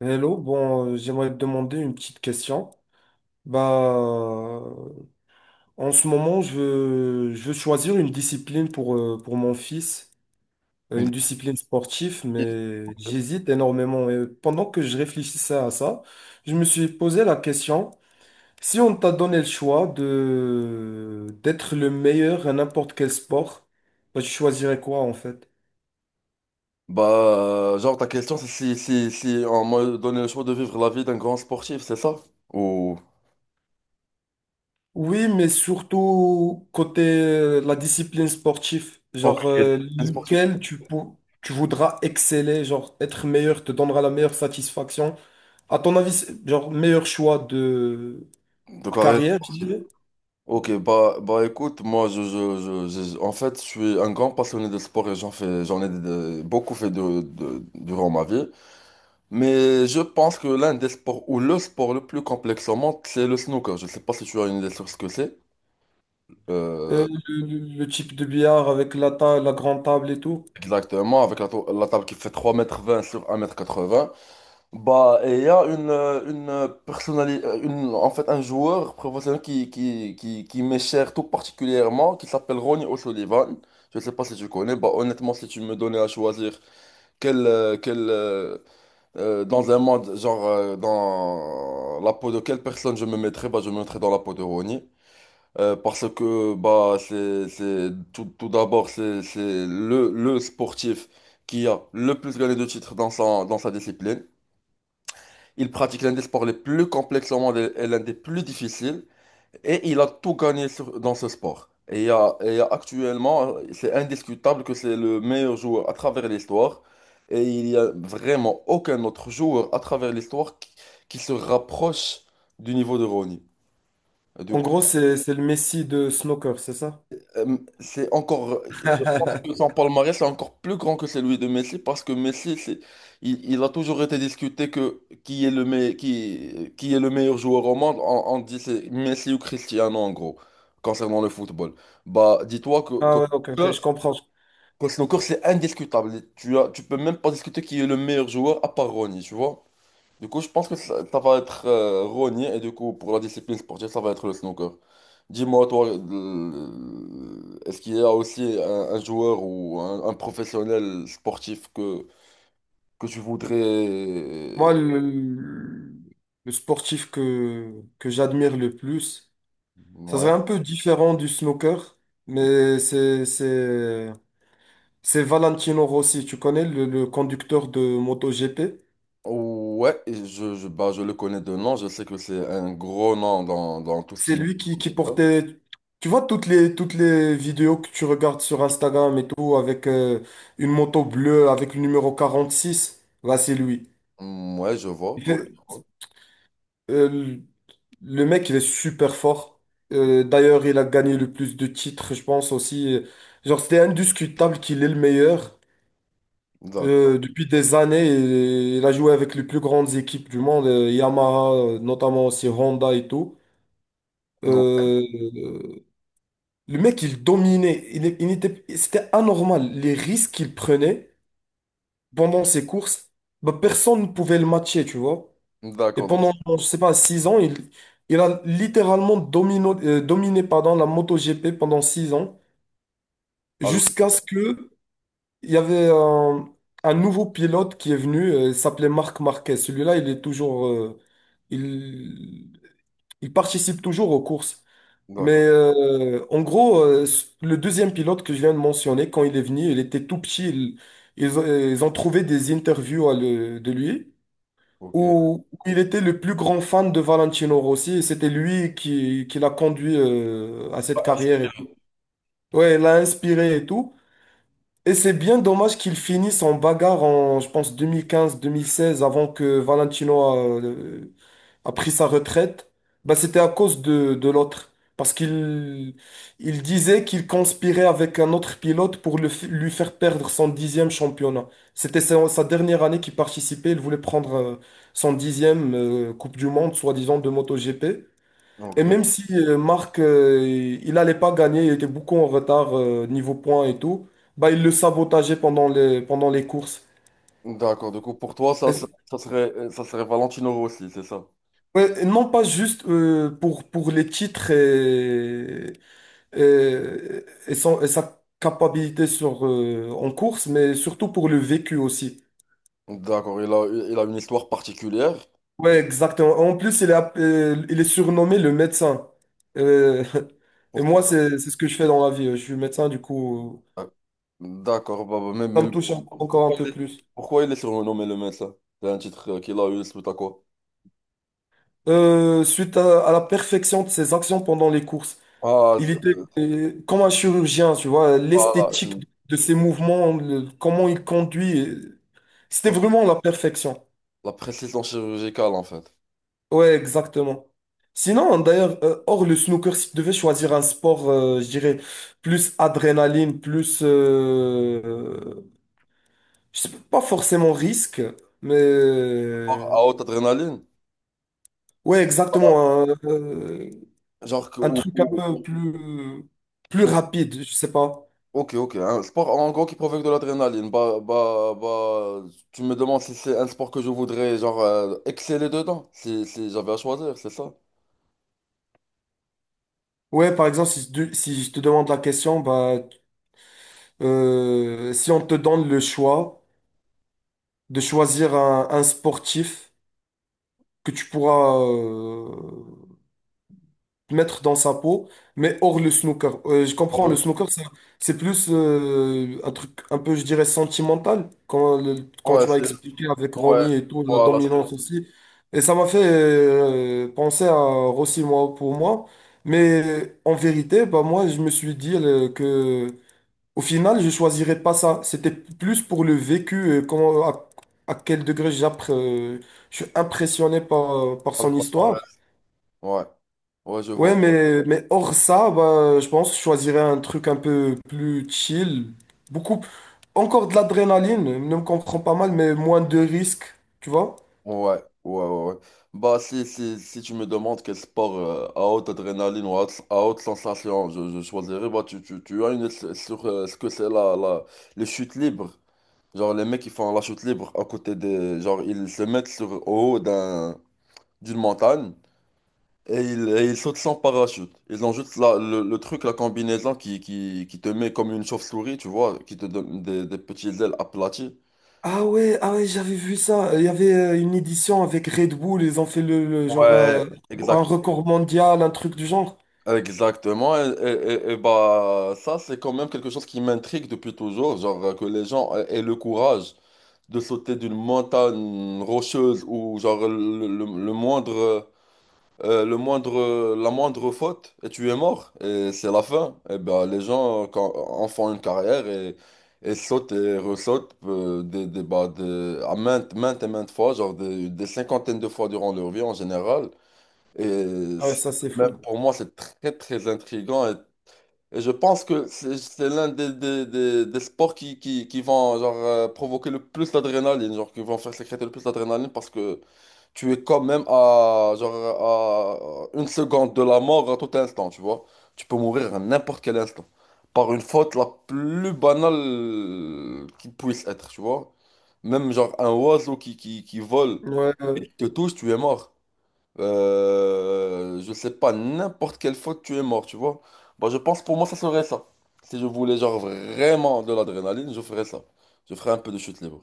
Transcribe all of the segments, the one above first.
Hello, bon, j'aimerais te demander une petite question. Bah, euh, en ce moment, je veux choisir une discipline pour mon fils, Une une discipline sportive, définitive. mais j'hésite énormément. Et pendant que je réfléchissais à ça, je me suis posé la question, si on t'a donné le choix d'être le meilleur à n'importe quel sport, bah, tu choisirais quoi en fait? Bah, genre, ta question, c'est si on m'a donné le choix de vivre la vie d'un grand sportif, c'est ça? Ou. Oui, mais surtout côté la discipline sportive, Ok, genre un sportif. lequel tu voudras exceller, genre être meilleur te donnera la meilleure satisfaction. À ton avis, genre meilleur choix De de carrière carrière, je sportive. dirais. Ok, bah écoute, moi, je, en fait, je suis un grand passionné de sport et j'en ai beaucoup fait de durant ma vie. Mais je pense que l'un des sports, ou le sport le plus complexe au monde, c'est le snooker. Je sais pas si tu as une idée sur ce que c'est. Euh, Le type de billard avec la grande table et tout. Exactement, avec la table qui fait trois mètres vingt sur un mètre quatre 80. Bah, il y a une personnalité, en fait, un joueur professionnel qui m'est cher tout particulièrement, qui s'appelle Ronnie O'Sullivan. Je ne sais pas si tu connais. Bah, honnêtement, si tu me donnais à choisir quel, euh, quel, euh, dans un monde, genre, dans la peau de quelle personne je me mettrais, bah, je me mettrais dans la peau de Ronnie. Parce que, bah, tout d'abord, c'est le sportif qui a le plus gagné de titres dans sa discipline. Il pratique l'un des sports les plus complexes au monde et l'un des plus difficiles. Et il a tout gagné dans ce sport. Et il y a actuellement, c'est indiscutable que c'est le meilleur joueur à travers l'histoire. Et il n'y a vraiment aucun autre joueur à travers l'histoire qui se rapproche du niveau de Ronnie. Du En coup, gros, c'est le Messi de snooker, c'est ça? c'est encore, je pense que son palmarès est encore plus grand que celui de Messi parce que Messi, il a toujours été discuté que qui est le meilleur, qui est le meilleur joueur au monde. On dit c'est Messi ou Cristiano en gros, concernant le football. Bah, dis-toi Ah ouais, ok, ok, snooker, je comprends. qu'au snooker, c'est indiscutable. Tu peux même pas discuter qui est le meilleur joueur à part Ronnie, tu vois. Du coup, je pense que ça va être Ronnie et du coup, pour la discipline sportive, ça va être le snooker. Dis-moi, toi, est-ce qu'il y a aussi un joueur ou un professionnel sportif que tu Moi, voudrais... le sportif que j'admire le plus. Ça Ouais. serait un peu différent du snooker, mais c'est Valentino Rossi, tu connais le conducteur de MotoGP? Ouais, et bah, je le connais de nom, je sais que c'est un gros nom dans, tout ce C'est qui est... lui qui portait, tu vois, toutes les vidéos que tu regardes sur Instagram et tout, avec une moto bleue, avec le numéro 46, là, c'est lui. Mm, ouais, je vois, Il ouais, fait- je vois. euh, le mec, il est super fort. D'ailleurs, il a gagné le plus de titres, je pense aussi. Genre, c'était indiscutable qu'il est le meilleur. D'accord. Depuis des années, il a joué avec les plus grandes équipes du monde, Yamaha, notamment aussi Honda et tout. Non. Euh, euh, le mec, il dominait. Il, est- il était, C'était anormal. Les risques qu'il prenait pendant ses courses, bah, personne ne pouvait le matcher, tu vois. Et D'accord, donc... pendant, je sais pas, 6 ans, il a littéralement dominé pardon, la MotoGP pendant 6 ans, Allô? jusqu'à ce que il y avait un nouveau pilote qui est venu, il s'appelait Marc Marquez. Celui-là, il est toujours, il, il participe toujours aux courses. Mais D'accord, en gros, le deuxième pilote que je viens de mentionner, quand il est venu, il était tout petit. Ils ont trouvé des interviews de lui ok. où il était le plus grand fan de Valentino Rossi et c'était lui qui l'a conduit à cette Bah, carrière, et tout. inspiré. Ouais, il l'a inspiré et tout. Et c'est bien dommage qu'ils finissent en bagarre en, je pense, deux deux mille quinze mille seize avant que Valentino a pris sa retraite. Bah, c'était à cause de l'autre. Parce qu'il il disait qu'il conspirait avec un autre pilote pour lui faire perdre son 10e championnat. C'était sa dernière année qu'il participait. Il voulait prendre son 10e Coupe du Monde, soi-disant, de MotoGP. Ok. Et même si Marc, il n'allait pas gagner, il était beaucoup en retard niveau points et tout, bah, il le sabotageait pendant les courses. D'accord, du coup, pour toi, ça, ça, Et- ça serait, ça serait Valentino Rossi, c'est ça? ouais, et non pas juste pour les titres et sa capacité en course, mais surtout pour le vécu aussi. D'accord, il a une histoire particulière. Ouais, exactement. En plus, il est surnommé le médecin. Euh, et moi, Pourquoi? C'est ce que je fais dans la vie. Je suis médecin, du coup, euh, D'accord, bah, même, ça me même touche pourquoi, encore un pourquoi il peu est, plus. pourquoi il est surnommé le médecin? C'est un titre qu'il a eu suite à quoi? Suite à la perfection de ses actions pendant les courses. Ah, Il était comme un chirurgien, tu vois, ah, l'esthétique de ses mouvements, comment il conduit, c'était la, la- vraiment la perfection. la précision chirurgicale en fait. Ouais, exactement. Sinon, d'ailleurs, hors le snooker, si tu devais choisir un sport, je dirais, plus adrénaline, plus, je sais pas forcément risque. mais... Sport euh, à haute adrénaline? Ouais, Bah, exactement. Hein, genre un truc un peu plus ou- rapide, je sais pas. ok, ok. Un sport en gros qui provoque de l'adrénaline. Bah, tu me demandes si c'est un sport que je voudrais genre exceller dedans, si j'avais à choisir, c'est ça? Ouais, par exemple, si je te demande la question, bah, si on te donne le choix de choisir un sportif que tu pourras, mettre dans sa peau, mais hors le snooker. Je comprends, Ouais, le snooker, c'est plus un truc un peu, je dirais, sentimental, quand ouais, tu m'as c'est expliqué avec ouais, Ronnie et tout, la voilà, dominance aussi. Et ça m'a fait penser à Rossi, moi, pour moi. Mais en vérité, bah, moi, je me suis dit que au final, je choisirais pas ça. C'était plus pour le vécu, et comment, à quel degré je suis impressionné par voilà, son pas histoire. mal. Ouais, ouais, je Ouais, vois. Mais hors ça, bah, je pense que je choisirais un truc un peu plus chill. Beaucoup, encore de l'adrénaline, ne me comprends pas mal, mais moins de risques, tu vois? Ouais, ouais, ouais, ouais. Bah, si tu me demandes quel sport à haute adrénaline ou à haute sensation je choisirais, bah, tu as une idée sur ce que c'est les chutes libres. Genre, les mecs qui font la chute libre à côté des. Genre, ils se mettent au haut d'une montagne et ils sautent sans parachute. Ils ont juste le truc, la combinaison qui te met comme une chauve-souris, tu vois, qui te donne des petits ailes aplaties. Ah ouais, ah ouais, j'avais vu ça. Il y avait une édition avec Red Bull, ils ont fait le genre Ouais, exact. un record mondial, un truc du genre. Exactement, bah ça c'est quand même quelque chose qui m'intrigue depuis toujours, genre que les gens aient le courage de sauter d'une montagne rocheuse ou genre le moindre euh, le moindre la moindre faute et tu es mort et c'est la fin. Et bah les gens en font une carrière et sautent et ressautent à maintes et maintes fois, genre des cinquantaines de fois durant leur vie en général. Et Ah ouais, c'est- ça c'est fou. Même pour moi, c'est très, très intriguant. Et je pense que c'est l'un des sports qui vont genre, provoquer le plus d'adrénaline, genre qui vont faire sécréter le plus d'adrénaline parce que tu es quand même genre, à une seconde de la mort à tout instant, tu vois. Tu peux mourir à n'importe quel instant par une faute la plus banale qui puisse être, tu vois. Même genre un oiseau qui vole, Ouais. Te touche, tu es mort. Je sais pas, n'importe quelle faute, tu es mort, tu vois. Bah, je pense pour moi, ça serait ça. Si je voulais, genre, vraiment de l'adrénaline, je ferais ça. Je ferais un peu de chute libre.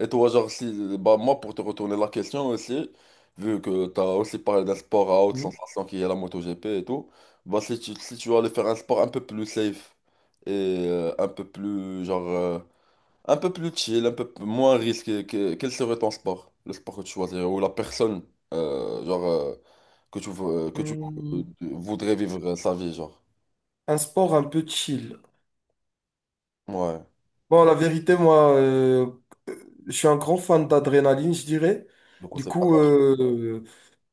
Et toi, genre, si, bah, moi, pour te retourner la question aussi, vu que t'as aussi parlé d'un sport à haute Hmm. sensation qui est la MotoGP et tout, bah, si tu allais faire un sport un peu plus safe et un peu un peu plus chill, un peu moins risqué. Quel serait ton sport? Le sport que tu choisirais ou la personne genre, que tu, vou- que tu Hmm, voudrais vivre sa vie, genre. un sport un peu chill. Ouais. Bon, la vérité, moi, euh, je suis un grand fan d'adrénaline, je dirais. Donc on Du sait pas. coup,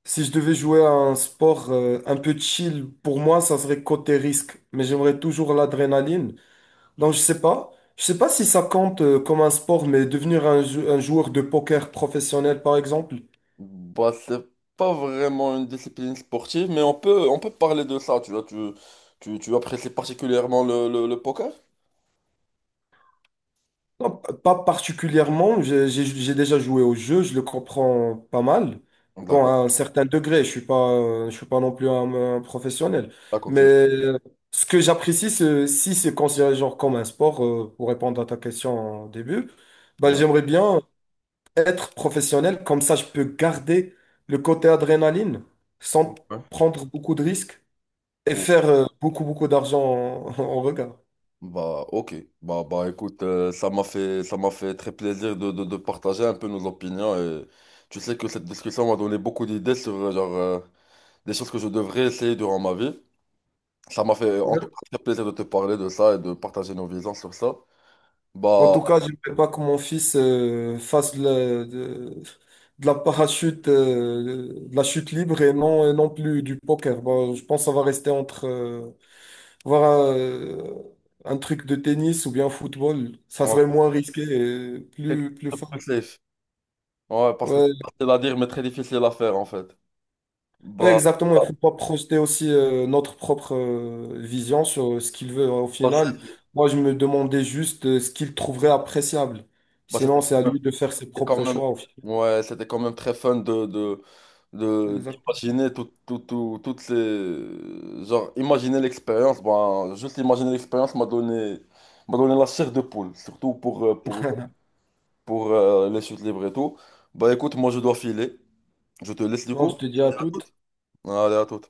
si je devais jouer à un sport un peu chill, pour moi, ça serait côté risque. Mais j'aimerais toujours l'adrénaline. Donc, je sais pas. Je sais pas si ça compte comme un sport, mais devenir un joueur de poker professionnel, par exemple. Bah, c'est pas vraiment une discipline sportive, mais on peut parler de ça. Tu vois, tu apprécies particulièrement le poker? Non, pas particulièrement. J'ai déjà joué au jeu, je le comprends pas mal. Bon, à D'accord. un certain degré, je suis pas non plus un professionnel. D'accord, Mais tu... ce que j'apprécie, si c'est considéré genre comme un sport, pour répondre à ta question au début, bah, Ouais. j'aimerais bien être professionnel. Comme ça, je peux garder le côté adrénaline sans prendre beaucoup de risques et Ouais. faire beaucoup, beaucoup d'argent en, en regard. Bah, ok. Bah, écoute, ça m'a fait très plaisir de partager un peu nos opinions. Et tu sais que cette discussion m'a donné beaucoup d'idées sur genre, des choses que je devrais essayer durant ma vie. Ça m'a fait en tout cas très plaisir de te parler de ça et de partager nos visions sur ça. En Bah, tout cas, je ne veux pas que mon fils fasse de la parachute, de la chute libre et non plus du poker. Bon, je pense que ça va rester entre voir un truc de tennis ou bien football. Ça serait ouais, moins risqué et quelque plus chose de fun. plus safe. Ouais, parce que Ouais, c'est facile à dire, mais très difficile à faire en fait. ouais, Bah, exactement. bah, Il faut pas projeter aussi notre propre vision sur ce qu'il veut au bah, final. Moi, je me demandais juste ce qu'il trouverait appréciable. bah, c'était Sinon, c'est à lui de faire ses C'était quand propres même, choix au final. ouais, c'était quand même très fun Exactement. d'imaginer toutes les... Genre, imaginer l'expérience, ben, juste imaginer l'expérience m'a donné la chair de poule, surtout pour, euh, pour, pour euh, les chutes libres et tout. Bah écoute, moi je dois filer, je te laisse du Bon, je coup. te dis à toutes. Allez, à tout.